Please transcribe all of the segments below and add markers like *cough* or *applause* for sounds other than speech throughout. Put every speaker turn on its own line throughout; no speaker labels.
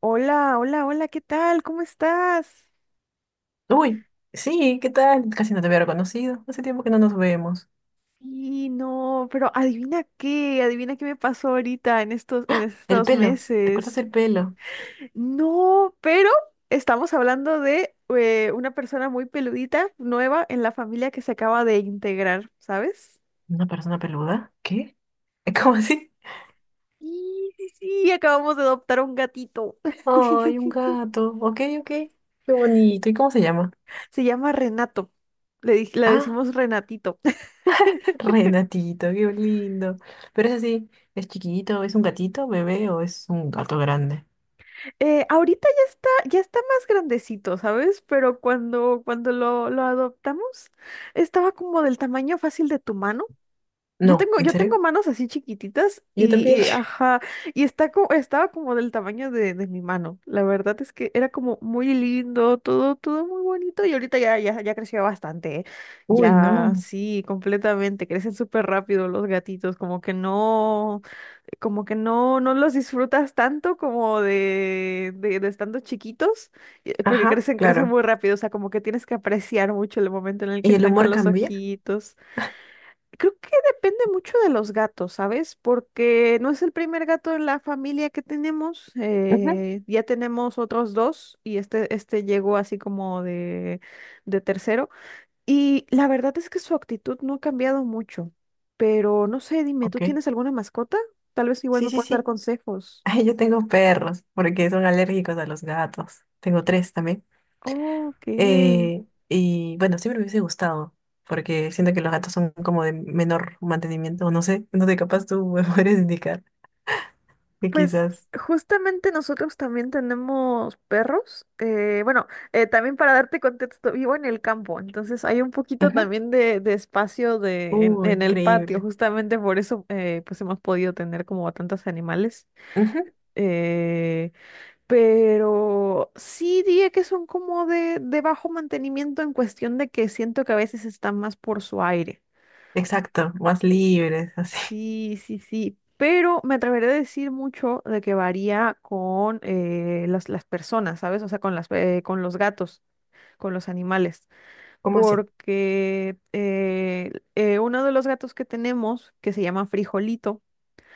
Hola, hola, hola, ¿qué tal? ¿Cómo estás?
Uy, sí, ¿qué tal? Casi no te había reconocido. Hace tiempo que no nos vemos.
Y no, pero adivina qué me pasó ahorita en
El
estos
pelo, ¿te cortas
meses.
el pelo?
No, pero estamos hablando de una persona muy peludita, nueva en la familia que se acaba de integrar, ¿sabes?
¿Una persona peluda? ¿Qué? *laughs* ¿Cómo así?
Sí, sí, sí, acabamos de adoptar un gatito.
Ay, un
*laughs*
gato. Ok, ok. Qué bonito. ¿Y cómo se llama?
Se llama Renato. Le, le
Ah,
decimos Renatito.
*laughs* Renatito, qué lindo. Pero es así, ¿es chiquito? ¿Es un gatito, bebé o es un gato grande?
Ahorita ya está más grandecito, ¿sabes? Pero cuando lo adoptamos, estaba como del tamaño fácil de tu mano. Yo
No,
tengo,
¿en
yo
serio?
tengo manos así chiquititas
Yo también.
y,
*laughs*
ajá, y estaba como del tamaño de mi mano. La verdad es que era como muy lindo, todo, todo muy bonito y ahorita ya, ya, ya creció bastante, ¿eh?
Uy,
Ya,
no.
sí, completamente, crecen súper rápido los gatitos, como que no, no los disfrutas tanto como de estando chiquitos, porque
Ajá,
crecen
claro.
muy rápido, o sea, como que tienes que apreciar mucho el momento en el que
¿Y el
están con
humor
los
cambia?
ojitos. Creo que depende mucho de los gatos, ¿sabes? Porque no es el primer gato en la familia que tenemos,
Ujú.
ya tenemos otros dos y este llegó así como de tercero. Y la verdad es que su actitud no ha cambiado mucho, pero no sé, dime, ¿tú
Ok.
tienes alguna mascota? Tal vez igual
Sí,
me
sí,
puedas dar
sí.
consejos.
Ay, yo tengo perros, porque son alérgicos a los gatos. Tengo tres también.
Ok,
Y bueno, siempre me hubiese gustado, porque siento que los gatos son como de menor mantenimiento, o no sé, capaz tú me *laughs* puedes indicar que
pues
quizás.
justamente nosotros también tenemos perros. Bueno, también para darte contexto, vivo en el campo, entonces hay un poquito
Ujú.
también de espacio
Uy,
en el patio,
increíble.
justamente por eso pues hemos podido tener como a tantos animales.
Ujú.
Eh, Pero sí diría que son como de bajo mantenimiento en cuestión de que siento que a veces están más por su aire.
Exacto, más libres, *laughs* así.
Sí, sí, sí. Pero me atreveré a decir mucho de que varía con las personas, ¿sabes? O sea, con con los gatos, con los animales.
¿Cómo así?
Porque uno de los gatos que tenemos, que se llama Frijolito.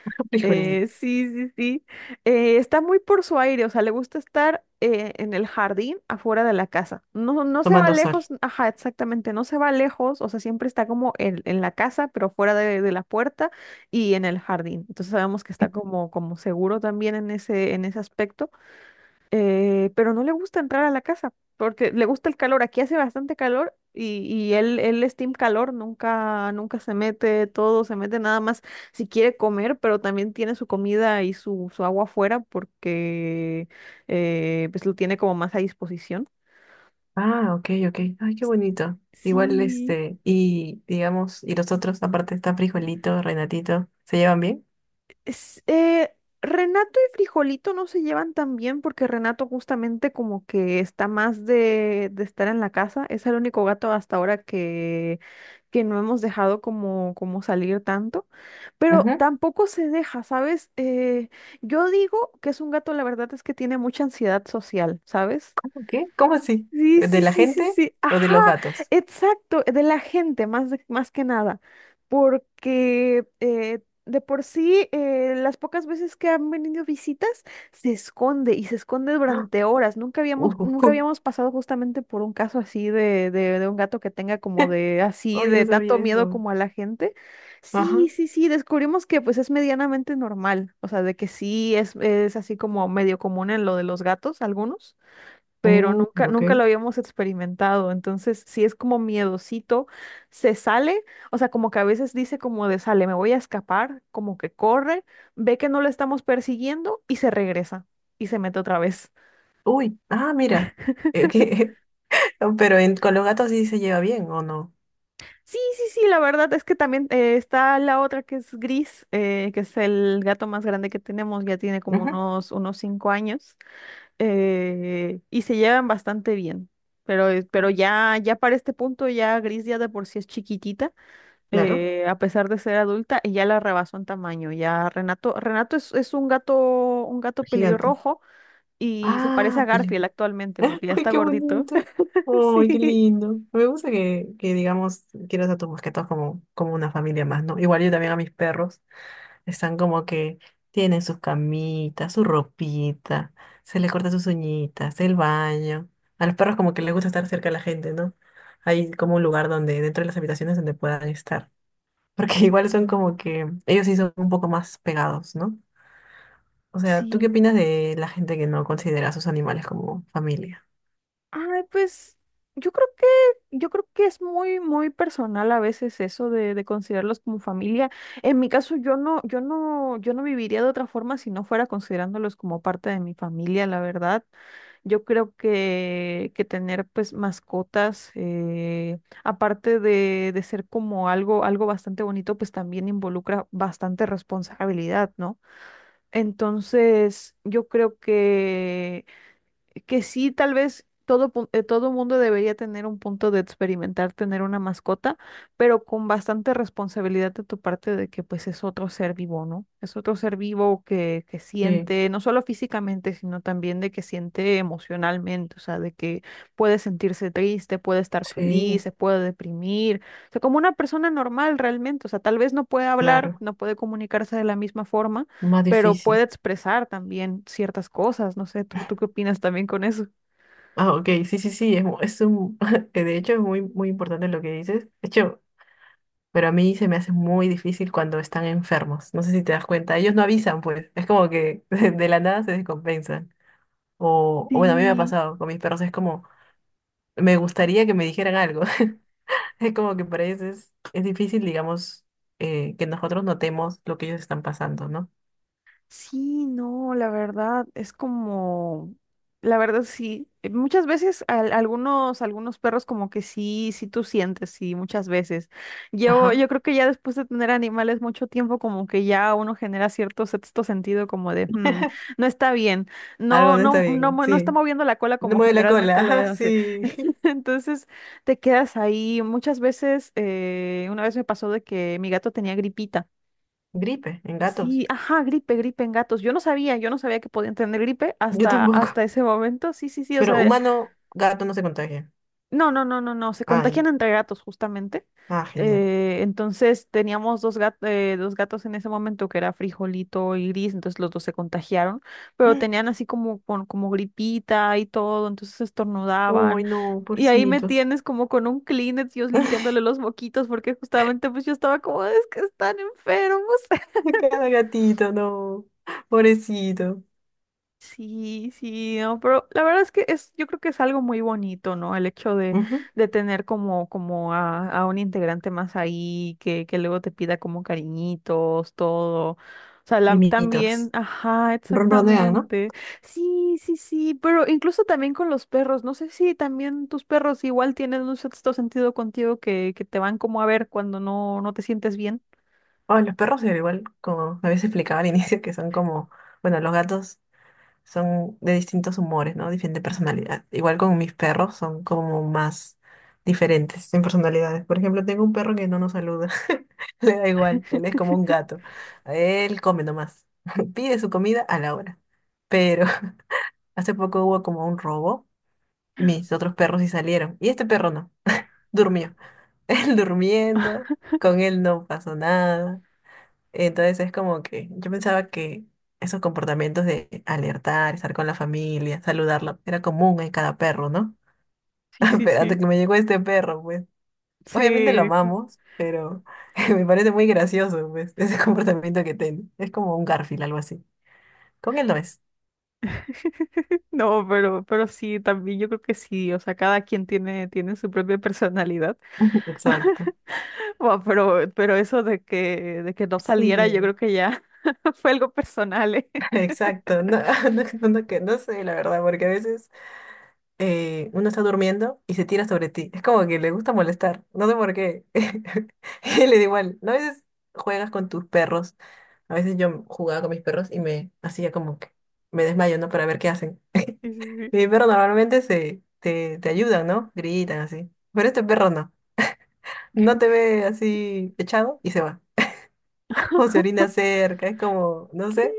*laughs* Frijolito,
Sí, sí, sí. Está muy por su aire, o sea, le gusta estar en el jardín afuera de la casa. No, no se va
tomando sol.
lejos, ajá, exactamente, no se va lejos, o sea, siempre está como en la casa, pero fuera de la puerta y en el jardín. Entonces sabemos que está como, como seguro también en en ese aspecto, pero no le gusta entrar a la casa porque le gusta el calor. Aquí hace bastante calor y él es team calor, nunca, nunca se mete todo, se mete nada más si quiere comer, pero también tiene su comida y su agua afuera porque pues lo tiene como más a disposición.
Ah, ok, ok. Ay, qué bonito. Igual
Sí.
este, y digamos, y los otros, aparte está Frijolito, Renatito, ¿se llevan bien?
Es- eh, Renato y Frijolito no se llevan tan bien porque Renato justamente como que está más de estar en la casa. Es el único gato hasta ahora que no hemos dejado como, como salir tanto. Pero tampoco se deja, ¿sabes? Yo digo que es un gato, la verdad es que tiene mucha ansiedad social, ¿sabes?
¿Qué? ¿Cómo así?
Sí,
¿De
sí,
la
sí, sí,
gente
sí.
o de
Ajá,
los gatos?
exacto, de la gente, más que nada, porque de por sí, las pocas veces que han venido visitas, se esconde y se esconde
¡Ah!
durante horas. Nunca
Uh,
habíamos pasado justamente por un caso así de un gato que tenga como
*laughs*
de así,
Uy, no
de
sabía
tanto miedo
eso.
como a la gente.
Ajá.
Sí, sí, sí, descubrimos que pues es medianamente normal, o sea, de que sí es así como medio común en lo de los gatos, algunos pero nunca,
Uy, ok.
nunca lo habíamos experimentado. Entonces, sí es como miedosito, se sale, o sea, como que a veces dice como de sale, me voy a escapar, como que corre, ve que no lo estamos persiguiendo y se regresa y se mete otra vez.
Uy, ah, mira. Eh, que- *laughs* Pero con los gatos sí se lleva bien, ¿o no?
Sí, sí, sí, la verdad es que también está la otra que es gris, que es el gato más grande que tenemos, ya tiene como
Ujú.
unos 5 años, y se llevan bastante bien. Pero ya, ya para este punto, ya Gris ya de por sí es chiquitita,
Claro,
a pesar de ser adulta, y ya la rebasó en tamaño. Ya Renato es un gato
gigante.
pelirrojo y se parece a
Ah, peleo.
Garfield
*laughs*
actualmente porque ya
Ay,
está
qué
gordito.
bonito.
*laughs*
Ay, qué
Sí.
lindo. Me gusta que digamos, quieras a tus mascotas como, como una familia más, ¿no? Igual yo también a mis perros. Están como que tienen sus camitas, su ropita, se les corta sus uñitas, el baño. A los perros como que les gusta estar cerca de la gente, ¿no? Hay como un lugar donde, dentro de las habitaciones donde puedan estar. Porque *laughs* igual son
Mm.
como que, ellos sí son un poco más pegados, ¿no? O sea, ¿tú qué
Sí.
opinas de la gente que no considera a sus animales como familia?
Ay, pues yo creo que, yo creo que es muy, muy personal a veces eso de considerarlos como familia. En mi caso, yo no viviría de otra forma si no fuera considerándolos como parte de mi familia, la verdad. Yo creo que tener pues mascotas, aparte de ser como algo, algo bastante bonito, pues también involucra bastante responsabilidad, ¿no? Entonces, yo creo que sí, tal vez todo mundo debería tener un punto de experimentar tener una mascota, pero con bastante responsabilidad de tu parte de que pues es otro ser vivo, ¿no? Es otro ser vivo que
Sí,
siente, no solo físicamente, sino también de que siente emocionalmente, o sea, de que puede sentirse triste, puede estar feliz,
sí,
se puede deprimir, o sea, como una persona normal realmente, o sea, tal vez no puede hablar,
claro.
no puede comunicarse de la misma forma,
Más
pero puede
difícil.
expresar también ciertas cosas. No sé, ¿tú, tú qué opinas también con eso?
Ah, ok, sí, sí, sí, es *laughs* de hecho es muy, muy importante lo que dices. De hecho, pero a mí se me hace muy difícil cuando están enfermos. No sé si te das cuenta. Ellos no avisan, pues. Es como que *laughs* de la nada se descompensan. O bueno, a mí me ha
Sí.
pasado con mis perros. Es como, me gustaría que me dijeran algo. *laughs* Es como que para ellos es difícil, digamos, que nosotros notemos lo que ellos están pasando, ¿no?
Sí, no, la verdad sí, muchas veces algunos, algunos perros como que sí, sí tú sientes, sí, muchas veces.
Ajá.
Yo creo que ya después de tener animales mucho tiempo como que ya uno genera cierto sexto sentido como de, "Hmm, no está bien,
Algo
no,
no está
no, no,
bien,
no está
sí.
moviendo la cola
No
como
mueve la cola,
generalmente
*laughs*
lo
ajá,
hace."
sí.
*laughs* Entonces te quedas ahí. Muchas veces, una vez me pasó de que mi gato tenía gripita.
*laughs* Gripe en gatos.
Sí, ajá, gripe, gripe en gatos. Yo no sabía que podían tener gripe
Yo tampoco.
hasta ese momento. Sí, sí, sí, o
Pero
sea,
humano, gato no se contagia.
no, no, no, no, no, se
Ah, ya.
contagian entre gatos justamente.
Ah, genial.
Entonces teníamos dos gatos en ese momento que era Frijolito y Gris, entonces los dos se contagiaron, pero tenían así
*gasps*
como, como gripita y todo, entonces estornudaban.
Uy, no,
Y ahí me
pobrecito.
tienes como con un Kleenex, yo
*laughs*
limpiándole los moquitos, porque justamente pues yo estaba como, es que están enfermos.
Cada gatito, no. Pobrecito.
Sí, sí, no, pero la verdad es que es, yo creo que es algo muy bonito, ¿no? El hecho
Ujú.
de tener como, como a un integrante más ahí, que luego te pida como cariñitos, todo. O sea, también,
Mimiditos.
ajá,
Ronronean, ¿no?
exactamente. Sí, sí, sí, pero incluso también con los perros, no sé si también tus perros igual tienen un sexto sentido contigo que te van como a ver cuando no, no te sientes bien.
Ay, los perros eran igual, como a veces explicaba al inicio, que son como, bueno, los gatos son de distintos humores, ¿no? Diferente personalidad. Igual con mis perros son como más diferentes en personalidades. Por ejemplo, tengo un perro que no nos saluda. *laughs* Le da igual, él es como un gato. Él come nomás. *laughs* Pide su comida a la hora. Pero *laughs* hace poco hubo como un robo. Mis otros perros sí salieron. Y este perro no. Durmió. *laughs* Él durmiendo. Con él no pasó nada. Entonces es como que yo pensaba que esos comportamientos de alertar, estar con la familia, saludarla, era común en cada perro, ¿no?
Sí,
*laughs*
sí,
Pero hasta
sí.
que me llegó este perro, pues.
Sí,
Obviamente lo
*laughs* dijo.
amamos, pero *laughs* me parece muy gracioso, pues, *laughs* ese comportamiento que tiene. Es como un Garfield, algo así. Con él no es.
No, pero sí, también yo creo que sí, o sea, cada quien tiene, tiene su propia personalidad.
*laughs* Exacto.
*laughs* Bueno, pero eso de de que no saliera, yo
Sí,
creo que ya *laughs* fue algo personal, ¿eh?
*laughs*
*laughs*
exacto. No, *laughs* no que no sé, la verdad, porque a veces uno está durmiendo y se tira sobre ti. Es como que le gusta molestar. No sé por qué. *laughs* Y le da igual. ¿No? A veces juegas con tus perros. A veces yo jugaba con mis perros y me hacía como que me desmayo, ¿no? Para ver qué hacen.
Sí, sí, sí.
Mi perro normalmente te ayudan, ¿no? Gritan así. Pero este perro no. No te ve así echado y se va. *laughs* O se orina
*laughs*
cerca. Es como, no
¿Qué?
sé.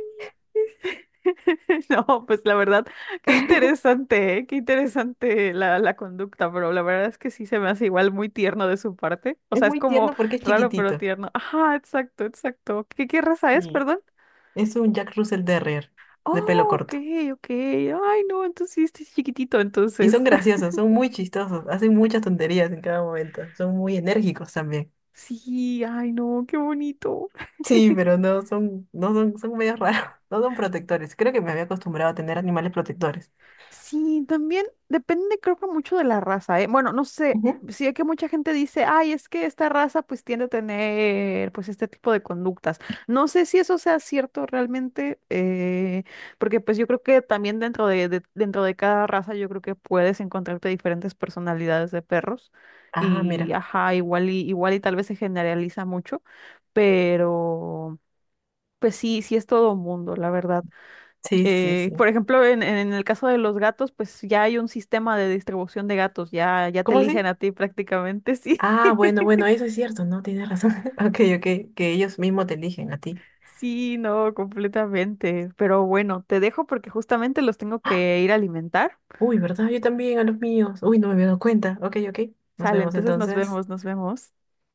*laughs* No, pues la verdad, qué
*laughs*
interesante, ¿eh? Qué interesante la conducta, pero la verdad es que sí se me hace igual muy tierno de su parte. O
Es
sea, es
muy
como
tierno porque es
raro pero
chiquitito.
tierno. Ajá, exacto, exacto. ¿Qué, qué raza es,
Sí.
perdón?
Es un Jack Russell Terrier de pelo
Oh, ok,
corto.
ok. Ay, no, entonces sí, este sí es chiquitito,
Y son
entonces. *laughs*
graciosos, son muy chistosos, hacen muchas tonterías en cada momento, son muy enérgicos también.
Sí, ay, no, qué bonito.
Sí,
*laughs*
pero no son, no son, son medio raros, *laughs* no son protectores. Creo que me había acostumbrado a tener animales protectores.
Sí, también depende, creo que mucho de la raza, ¿eh? Bueno, no sé,
Ujú.
sí que mucha gente dice, ay, es que esta raza pues tiende a tener pues este tipo de conductas. No sé si eso sea cierto realmente, porque pues yo creo que también dentro dentro de cada raza yo creo que puedes encontrarte diferentes personalidades de perros
Ah,
y,
mira.
ajá, igual y, igual y tal vez se generaliza mucho, pero pues sí, sí es todo mundo, la verdad.
Sí, sí, sí, sí.
Por ejemplo, en el caso de los gatos, pues ya hay un sistema de distribución de gatos, ya, ya te
¿Cómo
eligen
así?
a ti prácticamente, sí.
Ah, bueno, bueno,
*laughs*
eso es cierto, no, tienes razón. *laughs* Ok, ok, que ellos mismos te eligen a ti.
Sí, no, completamente. Pero bueno, te dejo porque justamente los tengo
¡Ah!
que ir a alimentar.
Uy, ¿verdad? Yo también a los míos. Uy, no me había dado cuenta. Ok, ok. Nos
Sale,
vemos
entonces nos
entonces.
vemos, nos vemos.